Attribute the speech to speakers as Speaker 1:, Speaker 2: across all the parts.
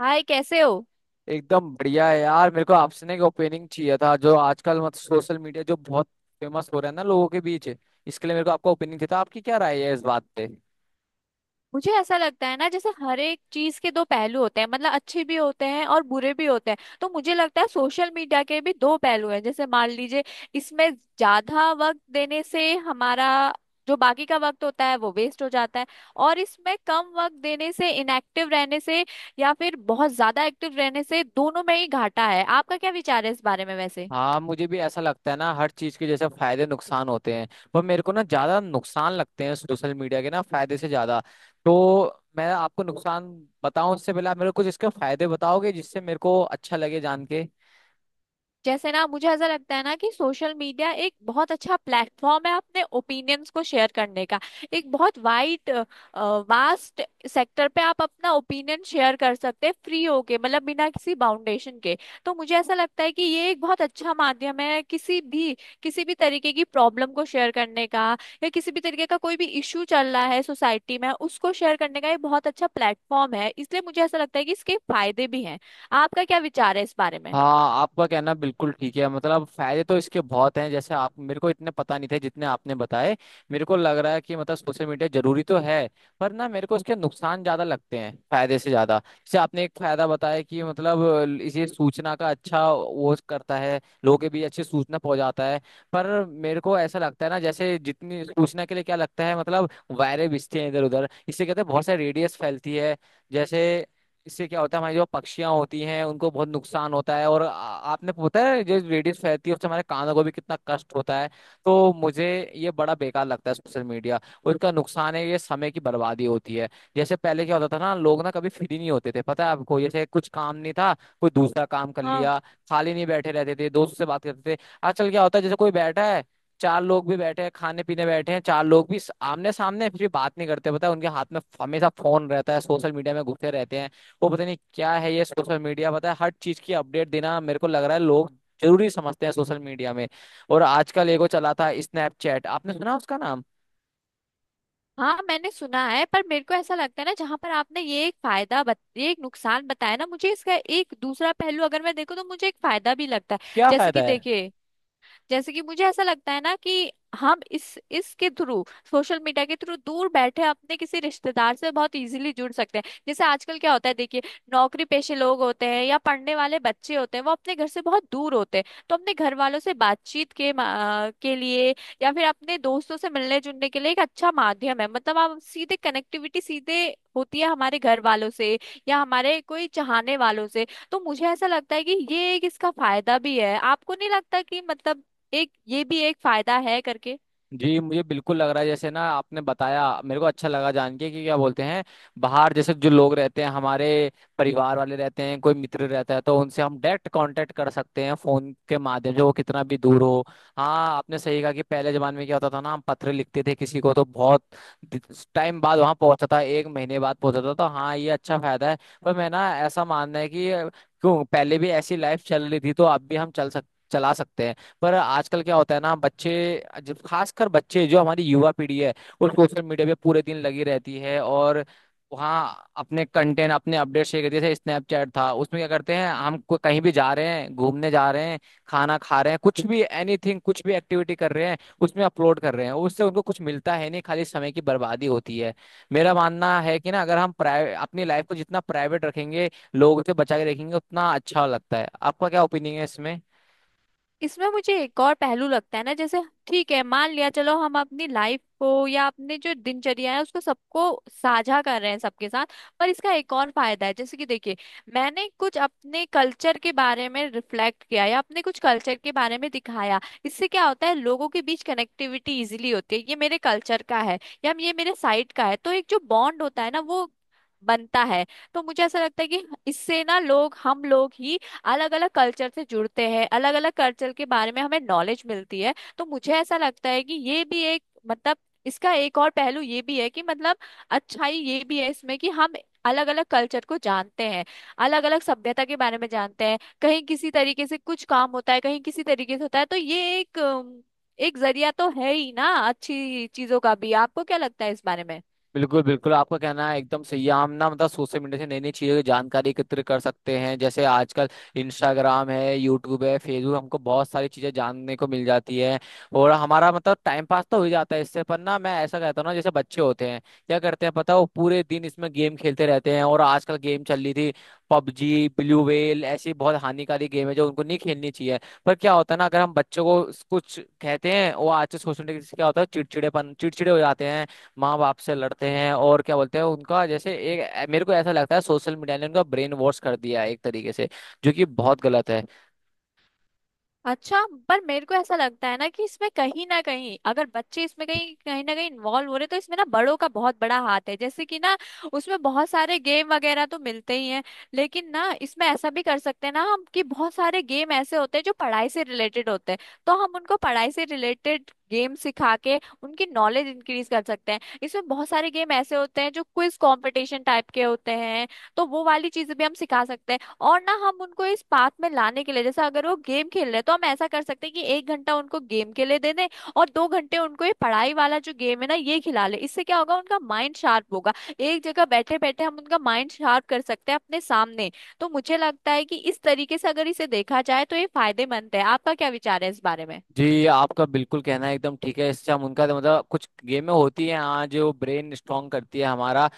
Speaker 1: हाय, कैसे हो।
Speaker 2: एकदम बढ़िया है यार। मेरे को आपसे ना एक ओपिनियन चाहिए था। जो आजकल सोशल मीडिया जो बहुत फेमस हो रहा है ना लोगों के बीच, इसके लिए मेरे को आपका ओपिनियन चाहिए था। आपकी क्या राय है इस बात पे?
Speaker 1: मुझे ऐसा लगता है ना जैसे हर एक चीज के दो पहलू होते हैं, मतलब अच्छे भी होते हैं और बुरे भी होते हैं। तो मुझे लगता है सोशल मीडिया के भी दो पहलू हैं। जैसे मान लीजिए इसमें ज्यादा वक्त देने से हमारा जो बाकी का वक्त होता है वो वेस्ट हो जाता है, और इसमें कम वक्त देने से, इनएक्टिव रहने से या फिर बहुत ज्यादा एक्टिव रहने से दोनों में ही घाटा है। आपका क्या विचार है इस बारे में वैसे।
Speaker 2: हाँ, मुझे भी ऐसा लगता है ना, हर चीज के जैसे फायदे नुकसान होते हैं। पर मेरे को ना ज्यादा नुकसान लगते हैं सोशल मीडिया के ना, फायदे से ज्यादा। तो मैं आपको नुकसान बताऊं उससे पहले आप मेरे को कुछ इसके फायदे बताओगे, जिससे मेरे को अच्छा लगे जान के।
Speaker 1: जैसे ना मुझे ऐसा लगता है ना कि सोशल मीडिया एक बहुत अच्छा प्लेटफॉर्म है अपने ओपिनियंस को शेयर करने का। एक बहुत वाइड, वास्ट सेक्टर पे आप अपना ओपिनियन शेयर कर सकते हैं, फ्री होके, मतलब बिना किसी बाउंडेशन के। तो मुझे ऐसा लगता है कि ये एक बहुत अच्छा माध्यम है किसी भी तरीके की प्रॉब्लम को शेयर करने का, या किसी भी तरीके का कोई भी इश्यू चल रहा है सोसाइटी में उसको शेयर करने का, ये बहुत अच्छा प्लेटफॉर्म है। इसलिए मुझे ऐसा लगता है कि इसके फायदे भी हैं। आपका क्या विचार है इस बारे में।
Speaker 2: हाँ, आपका कहना बिल्कुल ठीक है। फायदे तो इसके बहुत हैं, जैसे आप मेरे को इतने पता नहीं थे जितने आपने बताए। मेरे को लग रहा है कि सोशल मीडिया जरूरी तो है, पर ना मेरे को इसके नुकसान ज्यादा लगते हैं फायदे से ज्यादा। जैसे आपने एक फायदा बताया कि ये सूचना का अच्छा वो करता है, लोगों के बीच अच्छी सूचना पहुंचाता है। पर मेरे को ऐसा लगता है ना, जैसे जितनी सूचना के लिए क्या लगता है, वायरें बिछते हैं इधर उधर, इससे कहते हैं बहुत सारी रेडियस फैलती है। जैसे इससे क्या होता है, हमारी जो पक्षियां होती हैं उनको बहुत नुकसान होता है। और आपने पता है जो रेडियस फैलती है उससे हमारे कानों को भी कितना कष्ट होता है। तो मुझे ये बड़ा बेकार लगता है सोशल मीडिया। उसका नुकसान है ये समय की बर्बादी होती है। जैसे पहले क्या होता था ना, लोग ना कभी फ्री नहीं होते थे, पता है आपको। जैसे कुछ काम नहीं था, कोई दूसरा काम कर
Speaker 1: हाँ,
Speaker 2: लिया, खाली नहीं बैठे रहते थे, दोस्त से बात करते थे। आजकल क्या होता है, जैसे कोई बैठा है, चार लोग भी बैठे हैं, खाने पीने बैठे हैं चार लोग भी आमने सामने, फिर भी बात नहीं करते पता है, उनके हाथ में हमेशा फोन रहता है, सोशल मीडिया में घुसे रहते हैं। वो पता नहीं क्या है ये सोशल मीडिया, पता है हर चीज की अपडेट देना, मेरे को लग रहा है लोग जरूरी समझते हैं सोशल मीडिया में। और आजकल एगो चला था स्नैपचैट, आपने सुना उसका नाम?
Speaker 1: हाँ मैंने सुना है। पर मेरे को ऐसा लगता है ना जहां पर आपने ये एक ये एक नुकसान बताया ना, मुझे इसका एक दूसरा पहलू अगर मैं देखूँ तो मुझे एक फायदा भी लगता है।
Speaker 2: क्या
Speaker 1: जैसे
Speaker 2: फायदा
Speaker 1: कि
Speaker 2: है?
Speaker 1: देखिए, जैसे कि मुझे ऐसा लगता है ना कि हम इस इसके थ्रू, सोशल मीडिया के थ्रू दूर बैठे अपने किसी रिश्तेदार से बहुत इजीली जुड़ सकते हैं। जैसे आजकल क्या होता है, देखिए, नौकरी पेशे लोग होते हैं या पढ़ने वाले बच्चे होते हैं, वो अपने घर से बहुत दूर होते हैं। तो अपने घर वालों से बातचीत के लिए, या फिर अपने दोस्तों से मिलने जुलने के लिए एक अच्छा माध्यम है। मतलब आप सीधे कनेक्टिविटी, सीधे होती है हमारे घर वालों से या हमारे कोई चाहने वालों से। तो मुझे ऐसा लगता है कि ये एक इसका फायदा भी है। आपको नहीं लगता कि मतलब एक ये भी एक फायदा है करके।
Speaker 2: जी, मुझे बिल्कुल लग रहा है। जैसे ना आपने बताया, मेरे को अच्छा लगा जान के कि क्या बोलते हैं, बाहर जैसे जो लोग रहते हैं, हमारे परिवार वाले रहते हैं, कोई मित्र रहता है, तो उनसे हम डायरेक्ट कांटेक्ट कर सकते हैं फोन के माध्यम से, वो कितना भी दूर हो। हाँ, आपने सही कहा कि पहले जमाने में क्या होता था ना, हम पत्र लिखते थे किसी को, तो बहुत टाइम बाद वहां पहुंचता था, 1 महीने बाद पहुंचता था। तो हाँ, ये अच्छा फायदा है। पर मैं ना ऐसा मानना है कि क्यों, पहले भी ऐसी लाइफ चल रही थी तो अब भी हम चल सक चला सकते हैं। पर आजकल क्या होता है ना, बच्चे जब खासकर बच्चे जो हमारी युवा पीढ़ी है, वो सोशल मीडिया पे पूरे दिन लगी रहती है, और वहाँ अपने कंटेंट अपने अपडेट शेयर करते। जैसे स्नैपचैट था, उसमें क्या करते हैं हम, कहीं भी जा रहे हैं, घूमने जा रहे हैं, खाना खा रहे हैं, कुछ भी एनीथिंग, कुछ भी एक्टिविटी कर रहे हैं, उसमें अपलोड कर रहे हैं। उससे उनको कुछ मिलता है नहीं, खाली समय की बर्बादी होती है। मेरा मानना है कि ना अगर हम प्राइवेट, अपनी लाइफ को जितना प्राइवेट रखेंगे, लोगों से बचा के रखेंगे, उतना अच्छा लगता है। आपका क्या ओपिनियन है इसमें?
Speaker 1: इसमें मुझे एक और पहलू लगता है ना, जैसे ठीक है, मान लिया, चलो हम अपनी लाइफ को या अपने जो दिनचर्या है उसको सबको साझा कर रहे हैं सबके साथ, पर इसका एक और फायदा है। जैसे कि देखिए, मैंने कुछ अपने कल्चर के बारे में रिफ्लेक्ट किया या अपने कुछ कल्चर के बारे में दिखाया, इससे क्या होता है लोगों के बीच कनेक्टिविटी इजिली होती है। ये मेरे कल्चर का है या ये मेरे साइड का है, तो एक जो बॉन्ड होता है ना वो बनता है। तो मुझे ऐसा लगता है कि इससे ना लोग, हम लोग ही अलग अलग कल्चर से जुड़ते हैं, अलग अलग कल्चर के बारे में हमें नॉलेज मिलती है। तो मुझे ऐसा लगता है कि ये भी एक, मतलब इसका एक और पहलू ये भी है कि मतलब अच्छाई ये भी है इसमें कि हम अलग अलग कल्चर को जानते हैं, अलग अलग सभ्यता के बारे में जानते हैं। कहीं किसी तरीके से कुछ काम होता है, कहीं किसी तरीके से होता है, तो ये एक एक जरिया तो है ही ना अच्छी चीजों का भी। आपको क्या लगता है इस बारे में।
Speaker 2: बिल्कुल बिल्कुल, आपका कहना है एकदम सही है। हम ना सोशल मीडिया से नई नई चीज़ों की जानकारी एकत्र कर सकते हैं। जैसे आजकल इंस्टाग्राम है, यूट्यूब है, फेसबुक, हमको बहुत सारी चीज़ें जानने को मिल जाती है, और हमारा टाइम पास तो हो ही जाता है इससे। पर ना मैं ऐसा कहता हूँ ना, जैसे बच्चे होते हैं, क्या करते हैं पता है, वो पूरे दिन इसमें गेम खेलते रहते हैं। और आजकल गेम चल रही थी पबजी, ब्लू वेल, ऐसी बहुत हानिकारी गेम है जो उनको नहीं खेलनी चाहिए। पर क्या होता है ना, अगर हम बच्चों को कुछ कहते हैं, वो आज से सोशल मीडिया से क्या होता है, चिड़चिड़े हो जाते हैं, माँ बाप से लड़ते हैं। और क्या बोलते हैं, उनका जैसे एक, मेरे को ऐसा लगता है सोशल मीडिया ने उनका ब्रेन वॉश कर दिया है एक तरीके से, जो कि बहुत गलत है।
Speaker 1: अच्छा, पर मेरे को ऐसा लगता है ना कि इसमें कहीं ना कहीं अगर बच्चे इसमें कहीं कहीं ना कहीं इन्वॉल्व हो रहे तो इसमें ना बड़ों का बहुत बड़ा हाथ है। जैसे कि ना, उसमें बहुत सारे गेम वगैरह तो मिलते ही हैं, लेकिन ना इसमें ऐसा भी कर सकते हैं ना हम कि बहुत सारे गेम ऐसे होते हैं जो पढ़ाई से रिलेटेड होते हैं। तो हम उनको पढ़ाई से रिलेटेड गेम सिखा के उनकी नॉलेज इंक्रीज कर सकते हैं। इसमें बहुत सारे गेम ऐसे होते हैं जो क्विज कंपटीशन टाइप के होते हैं, तो वो वाली चीजें भी हम सिखा सकते हैं। और ना हम उनको इस पाथ में लाने के लिए, जैसे अगर वो गेम खेल रहे हैं तो हम ऐसा कर सकते हैं कि एक घंटा उनको गेम के लिए दे दें और दो घंटे उनको ये पढ़ाई वाला जो गेम है ना ये खिला ले। इससे क्या होगा, उनका माइंड शार्प होगा। एक जगह बैठे बैठे हम उनका माइंड शार्प कर सकते हैं अपने सामने। तो मुझे लगता है कि इस तरीके से अगर इसे देखा जाए तो ये फायदेमंद है। आपका क्या विचार है इस बारे में।
Speaker 2: जी, आपका बिल्कुल कहना है एकदम ठीक है। इससे हम उनका तो कुछ गेमें होती हैं हाँ, जो ब्रेन स्ट्रांग करती है हमारा,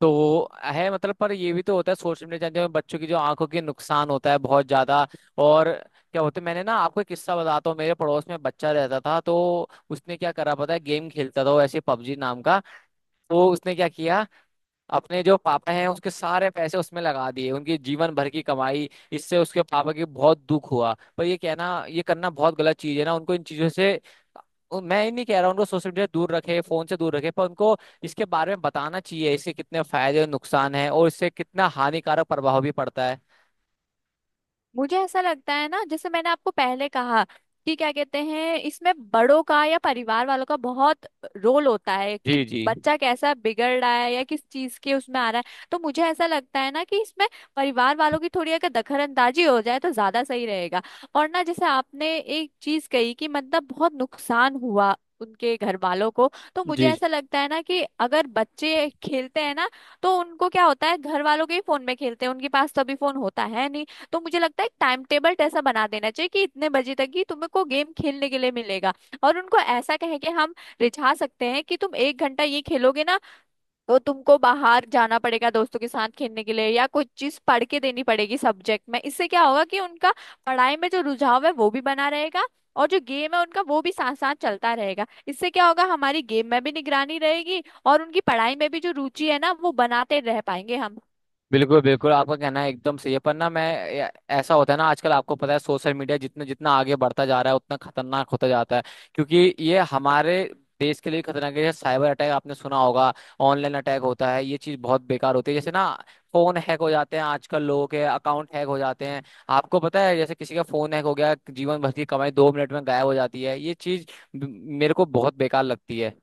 Speaker 2: तो वो है। पर ये भी तो होता है सोशल मीडिया, जानते हो बच्चों की जो आंखों के नुकसान होता है बहुत ज्यादा। और क्या होता है, मैंने ना आपको एक किस्सा बताता हूँ। मेरे पड़ोस में बच्चा रहता था, तो उसने क्या करा पता है, गेम खेलता था वो ऐसे पबजी नाम का। तो उसने क्या किया, अपने जो पापा हैं उसके सारे पैसे उसमें लगा दिए, उनकी जीवन भर की कमाई, इससे उसके पापा की बहुत दुख हुआ। पर ये कहना ये करना बहुत गलत चीज है ना। उनको इन चीजों से मैं ही नहीं कह रहा उनको सोशल मीडिया से दूर रखे, फोन से दूर रखे, पर उनको इसके बारे में बताना चाहिए, इसके कितने फायदे और नुकसान है, और इससे कितना हानिकारक प्रभाव भी पड़ता है।
Speaker 1: मुझे ऐसा लगता है ना जैसे मैंने आपको पहले कहा कि क्या कहते हैं, इसमें बड़ों का या परिवार वालों का बहुत रोल होता है कि
Speaker 2: जी जी।
Speaker 1: बच्चा कैसा बिगड़ रहा है या किस चीज के उसमें आ रहा है। तो मुझे ऐसा लगता है ना कि इसमें परिवार वालों की थोड़ी अगर दखलअंदाजी हो जाए तो ज्यादा सही रहेगा। और ना जैसे आपने एक चीज कही कि मतलब बहुत नुकसान हुआ उनके घर वालों को, तो मुझे
Speaker 2: जी,
Speaker 1: ऐसा लगता है ना कि अगर बच्चे खेलते हैं ना, तो उनको क्या होता है, घर वालों के ही फोन में खेलते हैं, उनके पास तो अभी फोन होता है नहीं। तो मुझे लगता है एक टाइम टेबल ऐसा बना देना चाहिए कि इतने बजे तक ही तुम्हें को गेम खेलने के लिए मिलेगा। और उनको ऐसा कहें कि हम रिझा सकते हैं कि तुम एक घंटा ये खेलोगे ना, तो तुमको बाहर जाना पड़ेगा दोस्तों के साथ खेलने के लिए, या कोई चीज पढ़ के देनी पड़ेगी सब्जेक्ट में। इससे क्या होगा कि उनका पढ़ाई में जो रुझाव है वो भी बना रहेगा और जो गेम है उनका वो भी साथ साथ चलता रहेगा। इससे क्या होगा, हमारी गेम में भी निगरानी रहेगी और उनकी पढ़ाई में भी जो रुचि है ना वो बनाते रह पाएंगे हम।
Speaker 2: बिल्कुल बिल्कुल, आपका कहना है एकदम सही है। पर ना मैं ए- ऐसा होता है ना आजकल, आपको पता है सोशल मीडिया जितना जितना आगे बढ़ता जा रहा है उतना खतरनाक होता जाता है। क्योंकि ये हमारे देश के लिए खतरनाक है, जैसे साइबर अटैक आपने सुना होगा, ऑनलाइन अटैक होता है, ये चीज बहुत बेकार होती है। जैसे ना फोन हैक हो जाते हैं आजकल, लोगों के अकाउंट हैक हो जाते हैं। आपको पता है, जैसे किसी का फोन हैक हो गया, जीवन भर की कमाई 2 मिनट में गायब हो जाती है। ये चीज ब- मेरे को बहुत बेकार लगती है।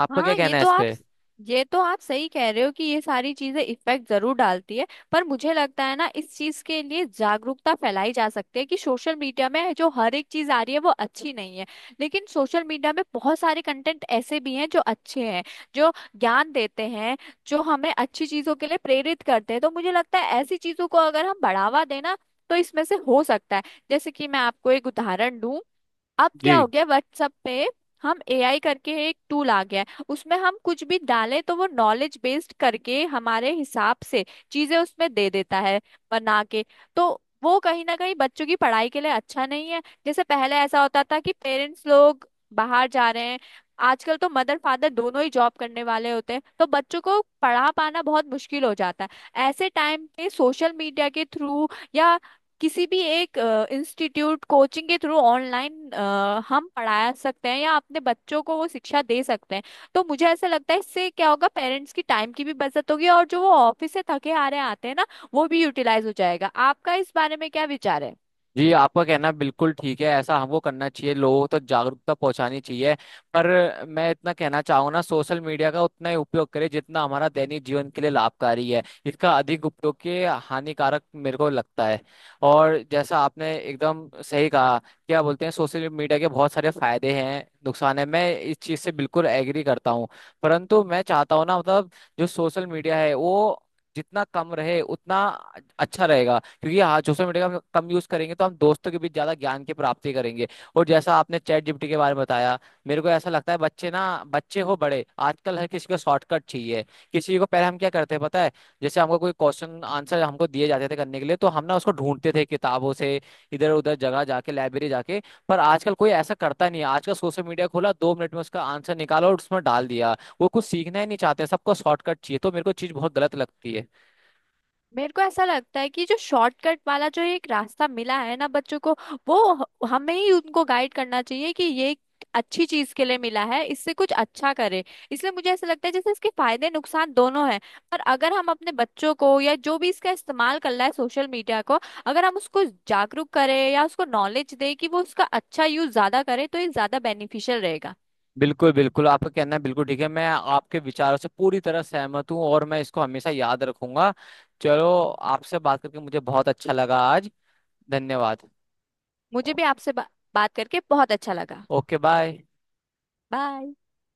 Speaker 2: आपका क्या
Speaker 1: हाँ,
Speaker 2: कहना है इस पे?
Speaker 1: ये तो आप सही कह रहे हो कि ये सारी चीजें इफेक्ट जरूर डालती है, पर मुझे लगता है ना इस चीज के लिए जागरूकता फैलाई जा सकती है कि सोशल मीडिया में जो हर एक चीज आ रही है वो अच्छी नहीं है, लेकिन सोशल मीडिया में बहुत सारे कंटेंट ऐसे भी हैं जो अच्छे हैं, जो ज्ञान देते हैं, जो हमें अच्छी चीजों के लिए प्रेरित करते हैं। तो मुझे लगता है ऐसी चीजों को अगर हम बढ़ावा देना तो इसमें से हो सकता है। जैसे कि मैं आपको एक उदाहरण दूं, अब क्या हो
Speaker 2: जी
Speaker 1: गया, व्हाट्सएप पे हम एआई करके एक टूल आ गया है, उसमें हम कुछ भी डालें तो वो नॉलेज बेस्ड करके हमारे हिसाब से चीजें उसमें दे देता है बना के। तो वो कहीं ना कहीं बच्चों की पढ़ाई के लिए अच्छा नहीं है। जैसे पहले ऐसा होता था कि पेरेंट्स लोग बाहर जा रहे हैं, आजकल तो मदर फादर दोनों ही जॉब करने वाले होते हैं, तो बच्चों को पढ़ा पाना बहुत मुश्किल हो जाता है। ऐसे टाइम पे सोशल मीडिया के थ्रू या किसी भी एक इंस्टीट्यूट कोचिंग के थ्रू ऑनलाइन हम पढ़ा सकते हैं या अपने बच्चों को वो शिक्षा दे सकते हैं। तो मुझे ऐसा लगता है इससे क्या होगा, पेरेंट्स की टाइम की भी बचत होगी और जो वो ऑफिस से थके हारे आते हैं ना वो भी यूटिलाइज हो जाएगा। आपका इस बारे में क्या विचार है।
Speaker 2: जी, आपका कहना बिल्कुल ठीक है, ऐसा हमको करना चाहिए, लोगों तक जागरूकता पहुंचानी चाहिए। पर मैं इतना कहना चाहूंगा ना, सोशल मीडिया का उतना ही उपयोग करें जितना हमारा दैनिक जीवन के लिए लाभकारी है, इसका अधिक उपयोग के हानिकारक मेरे को लगता है। और जैसा आपने एकदम सही कहा, क्या बोलते हैं, सोशल मीडिया के बहुत सारे फायदे हैं, नुकसान है, मैं इस चीज से बिल्कुल एग्री करता हूँ। परंतु मैं चाहता हूँ ना, जो सोशल मीडिया है वो जितना कम रहे उतना अच्छा रहेगा। क्योंकि हाँ, सोशल मीडिया का हम कम यूज करेंगे तो हम दोस्तों के बीच ज्यादा ज्ञान की प्राप्ति करेंगे। और जैसा आपने चैट जीपीटी के बारे में बताया, मेरे को ऐसा लगता है बच्चे हो बड़े, आजकल हर किसी को शॉर्टकट चाहिए। किसी को, पहले हम क्या करते हैं पता है, जैसे हमको कोई क्वेश्चन आंसर हमको दिए जाते थे करने के लिए, तो हम ना उसको ढूंढते थे किताबों से, इधर उधर जगह जाके, लाइब्रेरी जाके। पर आजकल कोई ऐसा करता नहीं है, आजकल सोशल मीडिया खोला, 2 मिनट में उसका आंसर निकाला और उसमें डाल दिया। वो कुछ सीखना ही नहीं चाहते, सबको शॉर्टकट चाहिए, तो मेरे को चीज बहुत गलत लगती है।
Speaker 1: मेरे को ऐसा लगता है कि जो शॉर्टकट वाला जो एक रास्ता मिला है ना बच्चों को, वो हमें ही उनको गाइड करना चाहिए कि ये एक अच्छी चीज के लिए मिला है, इससे कुछ अच्छा करे। इसलिए मुझे ऐसा लगता है जैसे इसके फायदे नुकसान दोनों हैं, पर अगर हम अपने बच्चों को या जो भी इसका इस्तेमाल कर रहा है सोशल मीडिया को, अगर हम उसको जागरूक करें या उसको नॉलेज दें कि वो उसका अच्छा यूज ज्यादा करे, तो ये ज्यादा बेनिफिशियल रहेगा।
Speaker 2: बिल्कुल बिल्कुल, आपका कहना है बिल्कुल ठीक है। मैं आपके विचारों से पूरी तरह सहमत हूँ और मैं इसको हमेशा याद रखूंगा। चलो, आपसे बात करके मुझे बहुत अच्छा लगा आज। धन्यवाद।
Speaker 1: मुझे
Speaker 2: ओ-
Speaker 1: भी बात करके बहुत अच्छा लगा।
Speaker 2: Okay, bye.
Speaker 1: बाय।